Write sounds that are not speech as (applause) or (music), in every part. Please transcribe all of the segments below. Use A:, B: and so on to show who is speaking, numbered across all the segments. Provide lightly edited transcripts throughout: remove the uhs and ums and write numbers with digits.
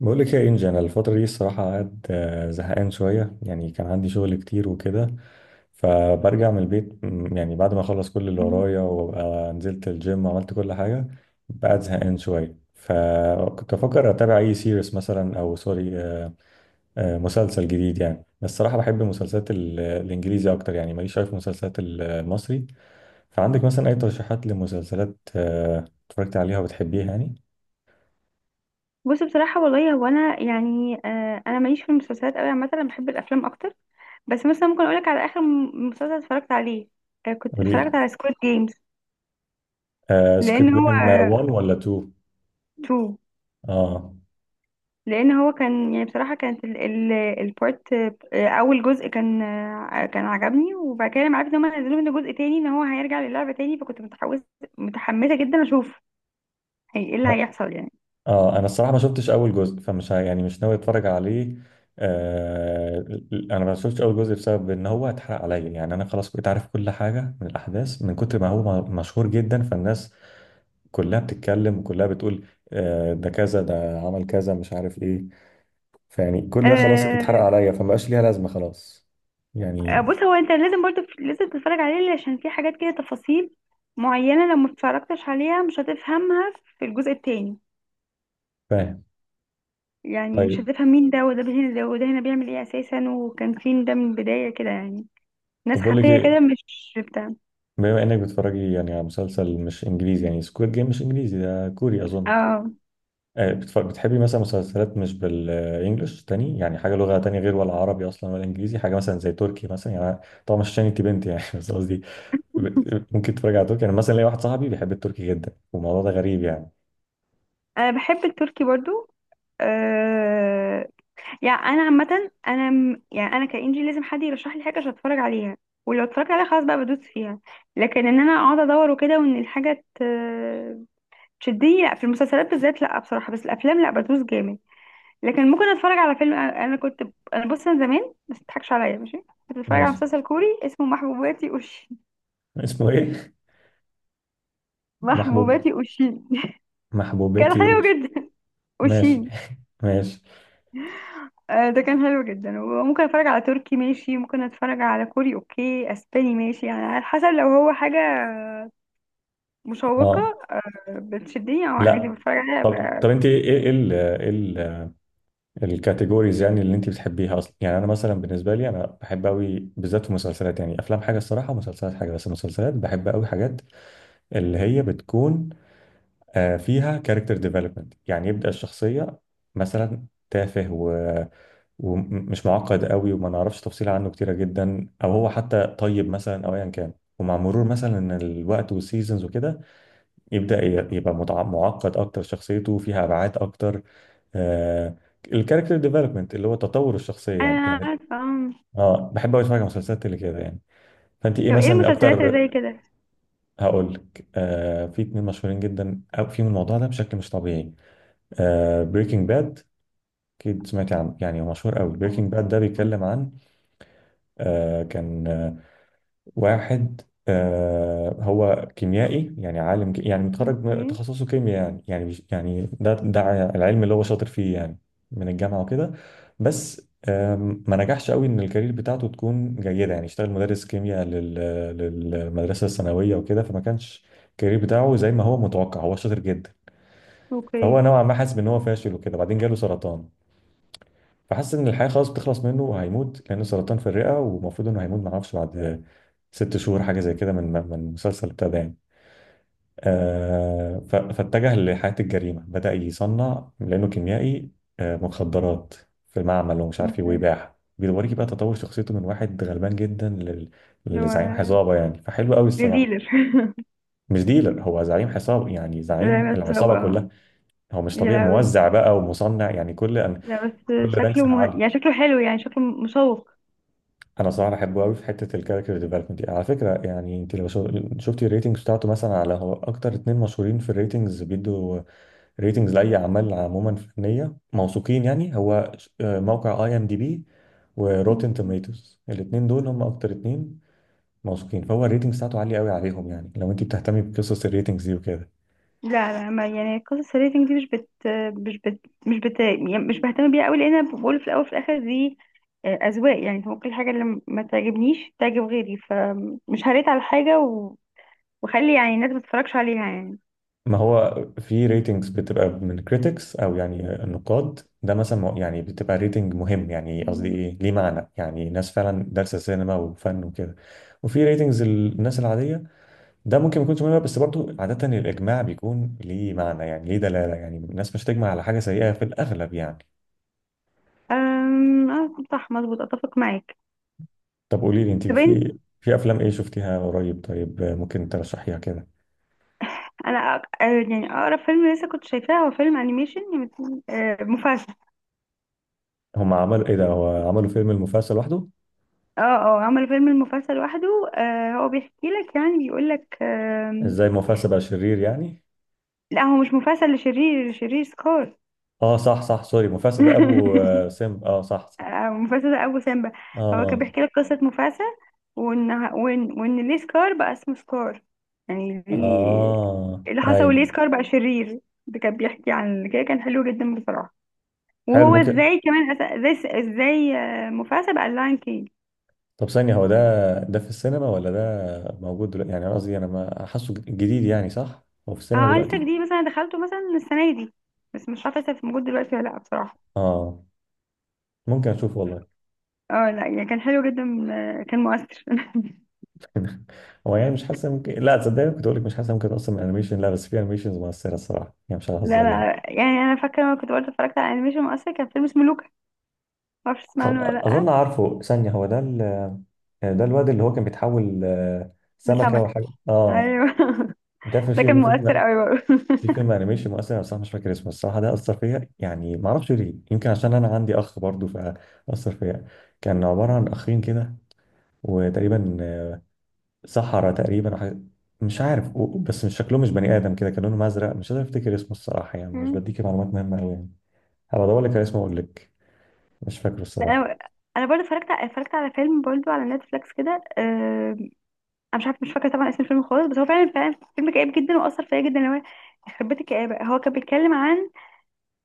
A: بقول لك يا انجي، انا الفتره دي الصراحه قاعد زهقان شويه. يعني كان عندي شغل كتير وكده، فبرجع من البيت يعني بعد ما اخلص كل اللي
B: مم.
A: ورايا وابقى نزلت الجيم وعملت كل حاجه، بقعد زهقان شويه. فكنت بفكر اتابع اي سيريس مثلا، او سوري، مسلسل جديد يعني. بس الصراحه بحب المسلسلات الانجليزي اكتر، يعني ماليش شايف مسلسلات المصري. فعندك مثلا اي ترشيحات لمسلسلات اتفرجت عليها وبتحبيها يعني؟
B: بص، بصراحة والله، هو أنا يعني أنا ماليش في المسلسلات أوي. عامة أنا بحب الأفلام أكتر. بس مثلا ممكن أقولك على آخر مسلسل اتفرجت عليه. كنت اتفرجت
A: قولي
B: على سكويد جيمز.
A: لي، سكوت
B: لأن هو
A: جيم 1 ولا 2؟
B: تو
A: اه.
B: لأن هو كان، يعني بصراحة كانت ال البارت، أول جزء، كان عجبني. وبعد كده لما عرفت إن هما نزلوا منه جزء تاني، إن هو هيرجع للعبة تاني، فكنت متحمسة جدا أشوف هي إيه اللي هيحصل يعني.
A: اه، انا الصراحه ما شفتش اول جزء، فمش يعني مش ناوي اتفرج عليه. آه انا ما شفتش اول جزء بسبب ان هو اتحرق عليا. يعني انا خلاص كنت عارف كل حاجه من الاحداث، من كتر ما هو مشهور جدا، فالناس كلها بتتكلم وكلها بتقول آه ده كذا، ده عمل كذا، مش عارف ايه. فيعني كل ده خلاص اتحرق
B: آه،
A: عليا، فما بقاش ليها لازمه خلاص يعني.
B: بص، هو انت لازم برضو لازم تتفرج عليه، عشان في حاجات كده، تفاصيل معينة، لو ما اتفرجتش عليها مش هتفهمها في الجزء التاني.
A: فاهم.
B: يعني مش
A: طيب.
B: هتفهم مين ده وده هنا، ده وده هنا بيعمل ايه اساسا، وكان فين ده من البداية كده يعني. ناس
A: طب بقول لك
B: خفية كده،
A: ايه،
B: مش بتاع.
A: بما انك بتتفرجي يعني على مسلسل مش انجليزي، يعني سكويد جيم مش انجليزي، ده كوري اظن.
B: اه،
A: بتحبي مثلا مسلسلات مش بالانجلش تاني؟ يعني حاجه لغه تانية، غير ولا عربي اصلا ولا انجليزي، حاجه مثلا زي تركي مثلا يعني. طبعا مش عشان انت بنت يعني (laughs) بس قصدي ممكن تتفرج على تركي. انا مثلا ليا واحد صاحبي بيحب التركي جدا، والموضوع ده غريب يعني.
B: انا بحب التركي برضو. آه يعني انا عامة، يعني انا كإنجي لازم حد يرشح لي حاجة عشان اتفرج عليها. ولو اتفرجت عليها خلاص بقى بدوس فيها. لكن ان انا اقعد ادور وكده، وان الحاجة تشدني، لا في المسلسلات بالذات لا، بصراحه. بس الافلام لا، بدوس جامد. لكن ممكن اتفرج على فيلم. انا أنا كنت انا بص انا زمان، بس متضحكش عليا، ماشي. كنت بتفرج على
A: ماشي.
B: مسلسل كوري اسمه محبوباتي اوشين،
A: اسمه ايه؟ (laughs) محبوب.
B: محبوباتي اوشين. (laughs) كان
A: محبوبتي
B: حلو
A: أوش.
B: جدا. (laughs)
A: ماشي
B: اوشين.
A: (laughs) ماشي.
B: ده كان حلو جدا. وممكن اتفرج على تركي، ماشي، ممكن اتفرج على كوري، اوكي، اسباني، ماشي. يعني على حسب، لو هو حاجه مشوقه
A: اه،
B: بتشدني، او عادي
A: لا.
B: بتفرج عليها.
A: طب طب انت ايه، ايه ال ايه ال- الكاتيجوريز يعني اللي انت بتحبيها اصلا؟ يعني انا مثلا بالنسبه لي انا بحب قوي بالذات في المسلسلات. يعني افلام حاجه الصراحه ومسلسلات حاجه، بس المسلسلات بحب قوي حاجات اللي هي بتكون فيها كاركتر ديفلوبمنت. يعني يبدأ الشخصية مثلا تافه، و... ومش معقد قوي وما نعرفش تفصيل عنه كتيرة جدا، او هو حتى طيب مثلا او ايا كان، ومع مرور مثلا الوقت والسيزونز وكده، يبدأ يبقى معقد اكتر، شخصيته فيها ابعاد اكتر. آه الكاركتر ديفلوبمنت اللي هو تطور الشخصية يعني
B: انا
A: يعني.
B: عارفه. آه.
A: اه بحب أوي اتفرج على مسلسلات اللي كده يعني. فانت ايه
B: طب ايه
A: مثلا
B: المسلسلات اللي
A: اكتر؟
B: زي كده؟
A: هقول لك، في اتنين مشهورين جدا، أو فيهم الموضوع ده بشكل مش طبيعي. بريكنج باد، أكيد سمعتي عنه يعني، هو مشهور قوي. بريكنج باد ده بيتكلم عن آه كان آه، واحد، هو كيميائي، يعني عالم يعني متخرج
B: اوكي،
A: من تخصصه كيمياء يعني، يعني يعني ده العلم اللي هو شاطر فيه يعني، من الجامعة وكده. بس ما نجحش قوي ان الكارير بتاعته تكون جيدة. يعني اشتغل مدرس كيمياء للمدرسة الثانوية وكده، فما كانش الكارير بتاعه زي ما هو متوقع، هو شاطر جدا. فهو
B: اوكي،
A: نوعا ما حاسس ان هو فاشل وكده. بعدين جاله سرطان، فحس ان الحياه خلاص بتخلص منه وهيموت، لانه سرطان في الرئه ومفروض انه هيموت، معرفش بعد ست شهور حاجه زي كده من المسلسل ابتدى يعني. فاتجه لحياه الجريمه. بدا يصنع، لانه كيميائي، مخدرات في معمل ومش عارف ايه، ويباعها. بيوريكي بقى تطور شخصيته، من واحد غلبان جدا
B: اللي
A: لزعيم
B: هو
A: عصابه يعني، فحلو قوي الصراحه.
B: لديلر.
A: مش ديلر، هو زعيم عصابه، يعني
B: (laughs) زي
A: زعيم
B: مثلا
A: العصابه
B: بقى.
A: كلها. هو مش
B: يا
A: طبيعي،
B: لهوي.
A: موزع بقى ومصنع، يعني كل
B: لا بس
A: كل رانكس
B: شكله
A: العالي.
B: يعني شكله حلو، يعني شكله مشوق.
A: انا صراحه بحبه قوي في حته الكاركتر ديفلوبمنت دي على فكره. يعني انت لو شفتي الريتنجز بتاعته مثلا، على هو اكتر اتنين مشهورين في الريتنجز بيدوا ريتنجز لاي اعمال عموما فنيه، موثوقين يعني. هو موقع اي ام دي بي وروتن توميتوز، الاتنين دول هم اكتر اتنين موثوقين. فهو الريتنجز بتاعته عاليه قوي عليهم، يعني لو انت بتهتمي بقصص الريتنجز دي وكده.
B: لا لا، ما يعني قصص الريتنج دي مش بت مش بت مش بت يعني مش بهتم بيها قوي، لان انا بقول في الاول وفي الاخر دي اذواق. يعني ممكن الحاجه اللي ما تعجبنيش تعجب غيري، فمش هريت على حاجه و... وخلي يعني الناس ما تتفرجش عليها يعني.
A: ما هو في ريتنجز بتبقى من كريتكس، او يعني النقاد ده مثلا، يعني بتبقى ريتنج مهم يعني، قصدي
B: مم.
A: ايه ليه معنى يعني، ناس فعلا دارسه سينما وفن وكده. وفي ريتنجز الناس العاديه، ده ممكن ما يكونش مهم، بس برضو عاده الاجماع بيكون ليه معنى يعني ليه دلاله، يعني الناس مش تجمع على حاجه سيئه في الاغلب يعني.
B: أم... آه، صح، مظبوط، اتفق معاك.
A: طب قولي لي، انت
B: طب،
A: في افلام ايه شفتيها قريب، طيب، ممكن ترشحيها كده؟
B: انا أق... آه، يعني اقرب فيلم لسه كنت شايفاه هو فيلم انيميشن يعني، مفاسا.
A: هم عملوا ايه ده، هو عملوا فيلم المفاسة لوحده؟
B: اه اه، عمل فيلم المفاسا لوحده. هو بيحكي لك، يعني بيقول لك.
A: ازاي المفاسة بقى شرير يعني؟
B: لا، هو مش مفاسا اللي شرير، اللي شرير سكار.
A: اه صح صح، سوري، مفاسد ده ابو
B: (laughs)
A: سم، اه صح صح.
B: مفاسا ده ابو سيمبا. هو كان
A: اه.
B: بيحكي لك قصة مفاسا، وان ليه سكار بقى اسمه سكار، يعني ليه
A: اه
B: إيه اللي حصل وليه
A: ايوه.
B: سكار بقى شرير. ده كان بيحكي عن كده. كان حلو جدا بصراحة.
A: حلو،
B: وهو
A: ممكن.
B: ازاي كمان ازاي مفاسا بقى اللاين كينج.
A: طب ثانية، هو ده ده في السينما ولا ده موجود دلوقتي؟ يعني أنا قصدي انا ما حاسه جديد يعني، صح هو في السينما
B: اه، التك
A: دلوقتي؟
B: دي مثلا دخلته مثلا السنة دي، بس مش عارفة لسه موجود دلوقتي ولا لأ بصراحة.
A: اه، ممكن اشوفه والله.
B: اه لا، يعني كان حلو جدا. كان مؤثر. (laughs)
A: (laughs) هو يعني مش حاسس ممكن، لا تصدقني كنت اقول لك مش حاسس ممكن اصلا من انيميشن، لا بس في انيميشنز مؤثرة الصراحة يعني، مش
B: لا
A: ههزر يعني.
B: لا، يعني انا فاكرة، لما كنت برضه اتفرجت على انيميشن مؤثر، كان فيلم اسمه لوكا. معرفش تسمع
A: أ-
B: عنه ولا لأ.
A: اظن عارفه، ثانية هو ده ال... آه، ده الواد اللي هو كان بيتحول سمكة
B: لسمكة،
A: وحاجة، اه.
B: ايوه. (laughs)
A: ده في
B: ده كان مؤثر قوي برضه.
A: فيلم انيميشن مؤثر، انا بصراحه مش فاكر اسمه الصراحه. ده اثر فيا يعني، ما اعرفش ليه، يمكن عشان انا عندي اخ برضه فاثر فيا. كان عباره عن اخين كده، وتقريبا سحرة تقريبا، أو مش عارف بس مش شكلهم مش بني ادم كده، كان لونهم ازرق. مش قادر افتكر اسمه الصراحه، يعني
B: (laughs)
A: مش
B: مم.
A: بديكي معلومات مهمه قوي يعني. هبقى ادور لك على اسمه واقول لك، مش فاكره
B: لا،
A: الصراحه.
B: انا برضه اتفرجت على فيلم برضه على نتفليكس كده، انا مش عارفه، مش فاكره طبعا اسم الفيلم خالص، بس هو فعلا فعلا فيلم كئيب جدا، واثر فيا جدا. اللي هو يخرب بيت الكآبه، هو كان بيتكلم عن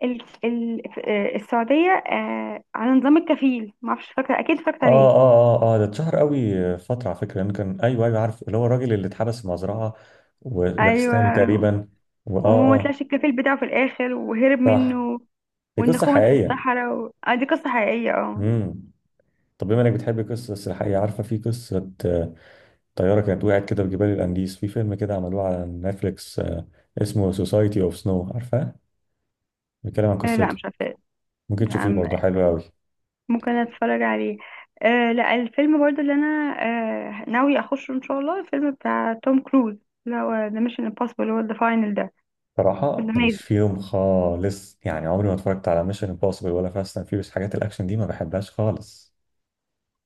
B: ال... ال... آه، السعودية، على نظام الكفيل. معرفش، فاكرة، أكيد
A: اه
B: فاكرة ليه.
A: اه اه اه، ده اتشهر قوي فتره على فكره، لانه كان، ايوه ايوه عارف، اللي هو الراجل اللي اتحبس في مزرعه
B: أيوة.
A: وباكستاني تقريبا. واه اه.
B: وما
A: آه،
B: طلعش الكفيل بتاعه في الآخر، وهرب
A: صح،
B: منه.
A: دي
B: وإن
A: قصه
B: خمد في
A: حقيقيه.
B: الصحراء و... آه دي قصة حقيقية، اه.
A: امم. طب، بما انك بتحب القصص السلاحية، عارفة في قصة طيارة كانت وقعت كده في جبال الأنديز، في فيلم كده عملوه على نتفليكس، اسمه سوسايتي اوف سنو، عارفاه؟ بيتكلم عن
B: لا،
A: قصته،
B: مش عارفة.
A: ممكن تشوفيه
B: نعم،
A: برضه، حلو قوي.
B: ممكن أتفرج عليه. لا، الفيلم برضو اللي أنا ناوي أخشه إن شاء الله، الفيلم بتاع توم كروز، اللي هو ذا ميشن امبوسيبل، اللي هو ذا فاينل ده. في،
A: صراحة ماليش فيهم خالص يعني، عمري ما اتفرجت على ميشن امبوسيبل ولا فاست اند فيوريوس، حاجات الأكشن دي ما بحبهاش خالص.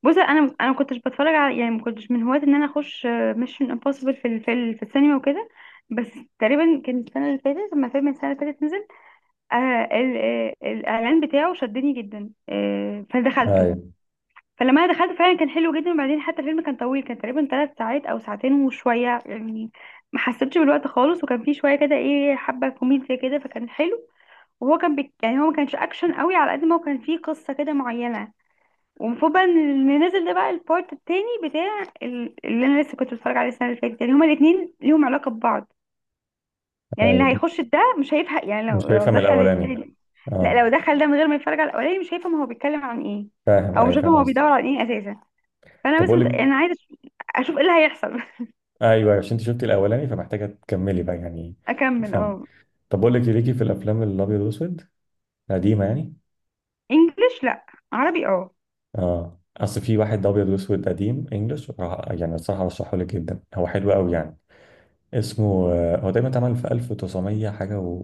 B: بص، انا ما كنتش بتفرج على، يعني ما كنتش من هواة ان انا اخش ميشن امبوسيبل في السينما وكده. بس تقريبا كان السنه اللي فاتت، لما فيلم السنه اللي فاتت نزل، آه الاعلان بتاعه شدني جدا، فدخلته.
A: ايوه.
B: فلما انا دخلت فعلا كان حلو جدا، وبعدين حتى الفيلم كان طويل، كان تقريبا 3 ساعات او ساعتين وشويه يعني، ما حسيتش بالوقت خالص، وكان فيه شويه كده، ايه، حبه كوميديا كده، فكان حلو. وهو كان يعني هو ما كانش اكشن قوي على قد ما هو كان فيه قصه كده معينه. ومفروض بقى ان ننزل ده، بقى البارت التاني بتاع اللي انا لسه كنت بتفرج عليه السنه اللي فاتت، يعني هما الاثنين ليهم علاقه ببعض. يعني اللي
A: ايوه. طب
B: هيخش ده مش هيفهم يعني، لو
A: مش
B: لو
A: شايفها من
B: دخل
A: الأولاني.
B: التاني، لا،
A: اه
B: لو دخل ده من غير ما يتفرج على الاولاني مش هيفهم هو بيتكلم عن ايه،
A: فاهم،
B: او مش
A: ايوه
B: هيفهم
A: فاهم
B: هو بيدور
A: قصدك.
B: على ايه اساسا. فانا
A: طب
B: بس
A: أقول لك،
B: انا عايزه اشوف ايه اللي هيحصل.
A: ايوه عشان انت شفتي الأولاني فمحتاجة تكملي بقى يعني.
B: (laughs) اكمل، اه.
A: طب بقول لك إيه، ليكي في الافلام الابيض واسود قديمه يعني؟
B: انجلش لا، عربي، اه.
A: اه اصل في واحد ابيض واسود قديم انجلش، يعني الصراحه ارشحه لك جدا، هو حلو قوي يعني. اسمه هو تقريبا اتعمل في 1900 حاجه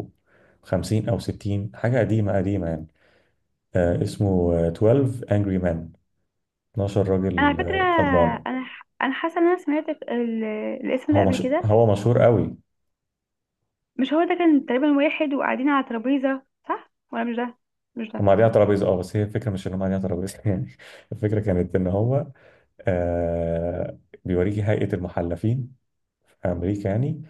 A: و50 او 60، حاجه قديمه قديمه يعني. اسمه 12 Angry Men، 12
B: انا على
A: راجل
B: فكره،
A: غضبان.
B: انا حاسه ان انا سمعت الاسم ده
A: هو
B: قبل
A: مش...
B: كده.
A: هو مشهور قوي.
B: مش هو ده كان تقريبا واحد وقاعدين على ترابيزه؟ صح ولا مش ده؟ مش
A: هم
B: ده.
A: قاعدين على ترابيزه، اه، بس هي الفكره مش ان هم قاعدين على ترابيزه (laughs) يعني. الفكره كانت ان هو آه بيوريكي هيئه المحلفين في امريكا يعني.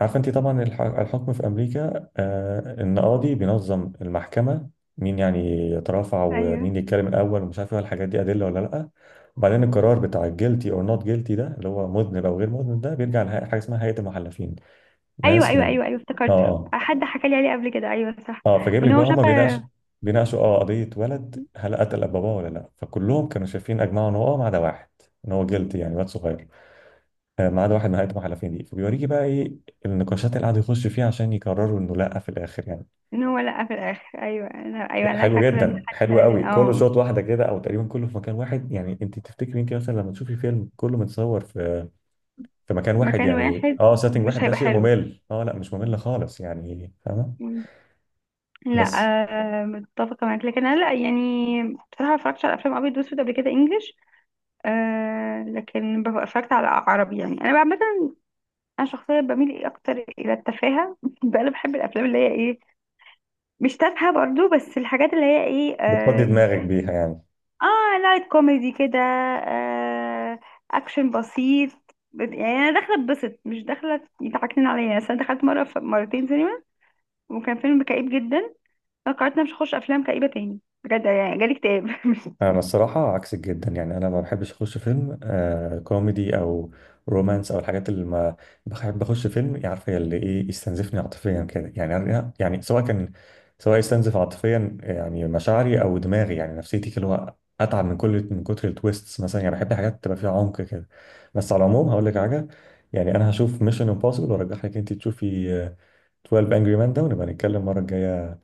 A: عارفه انت طبعا الحكم في امريكا، القاضي بينظم المحكمه، مين يعني يترافع،
B: ايوه
A: ومين يتكلم الاول، ومش عارف ايه الحاجات دي، ادله ولا لا. وبعدين القرار بتاع guilty or not guilty ده، اللي هو مذنب او غير مذنب، ده بيرجع لحاجه، حاجة اسمها هيئه المحلفين،
B: ايوه
A: ناس
B: ايوه
A: من،
B: ايوه ايوه،
A: اه
B: افتكرته.
A: اه
B: حد حكى لي عليه قبل كده، ايوه صح.
A: اه. فجايب
B: وان
A: لك بقى،
B: هو شاف،
A: هم بيناقشوا اه قضيه ولد، هل قتل باباه ولا لا. فكلهم كانوا شايفين، اجمعوا ان هو اه، ما عدا واحد، ان هو guilty يعني، واد صغير. ما عدا واحد نهايته محلفين دي. فبيوريكي بقى ايه النقاشات اللي قعدوا يخشوا فيها عشان يقرروا انه لا في الاخر يعني.
B: ان هو لقى في الاخر، ايوه انا، ايوه انا
A: حلو
B: فاكره ان
A: جدا،
B: حد
A: حلو
B: قال
A: قوي،
B: لي،
A: كله
B: اه.
A: شوط واحده كده، او تقريبا كله في مكان واحد يعني. انت تفتكري، انت مثلا لما تشوفي فيلم كله متصور في مكان واحد
B: مكان
A: يعني،
B: واحد
A: اه سيتنج واحد،
B: مش
A: ده
B: هيبقى
A: شيء
B: حلو.
A: ممل؟ اه لا مش ممل خالص يعني، فاهمه،
B: مم. لا،
A: بس
B: متفقه معاك، لكن انا لا يعني، بصراحه ما اتفرجتش على افلام ابيض واسود قبل كده انجلش. لكن اتفرجت على عربي، يعني انا بقى مثلا، انا شخصيا بميل إيه اكتر الى التفاهه. (laughs) بقى انا بحب الافلام اللي هي ايه، مش تافهه برضو، بس الحاجات اللي هي ايه،
A: بتفضي دماغك بيها يعني.
B: اه، لايت كوميدي كده، اكشن بسيط. يعني انا داخله اتبسط، مش داخله يضحكنين عليا، بس انا دخلت مرتين سينما وكان فيلم كئيب جدا. انا قررت إن أنا مش هخش افلام كئيبه تاني بجد، يعني جالي اكتئاب. (laughs)
A: انا الصراحه عكسك جدا، يعني انا ما بحبش اخش فيلم كوميدي او رومانس او الحاجات اللي ما، بحب اخش فيلم يعني عارفه اللي ايه يستنزفني عاطفيا كده يعني. يعني سواء كان، سواء يستنزف عاطفيا يعني مشاعري، او دماغي يعني نفسيتي، اللي هو اتعب من من كتر التويستس مثلا يعني. بحب حاجات تبقى فيها عمق كده. بس على العموم هقول لك حاجه، يعني انا هشوف ميشن امبوسيبل، وارجح لك انت تشوفي 12 انجري مان ده، ونبقى نتكلم المره الجايه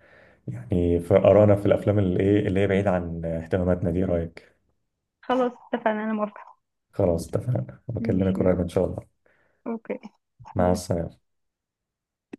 A: يعني، فقرانا في الافلام اللي ايه اللي هي بعيد عن اهتماماتنا دي، إيه رايك؟
B: خلاص، اتفقنا، انا موافقه.
A: خلاص اتفقنا، بكلمك
B: ماشي،
A: قريب ان شاء الله.
B: اوكي
A: مع السلامه.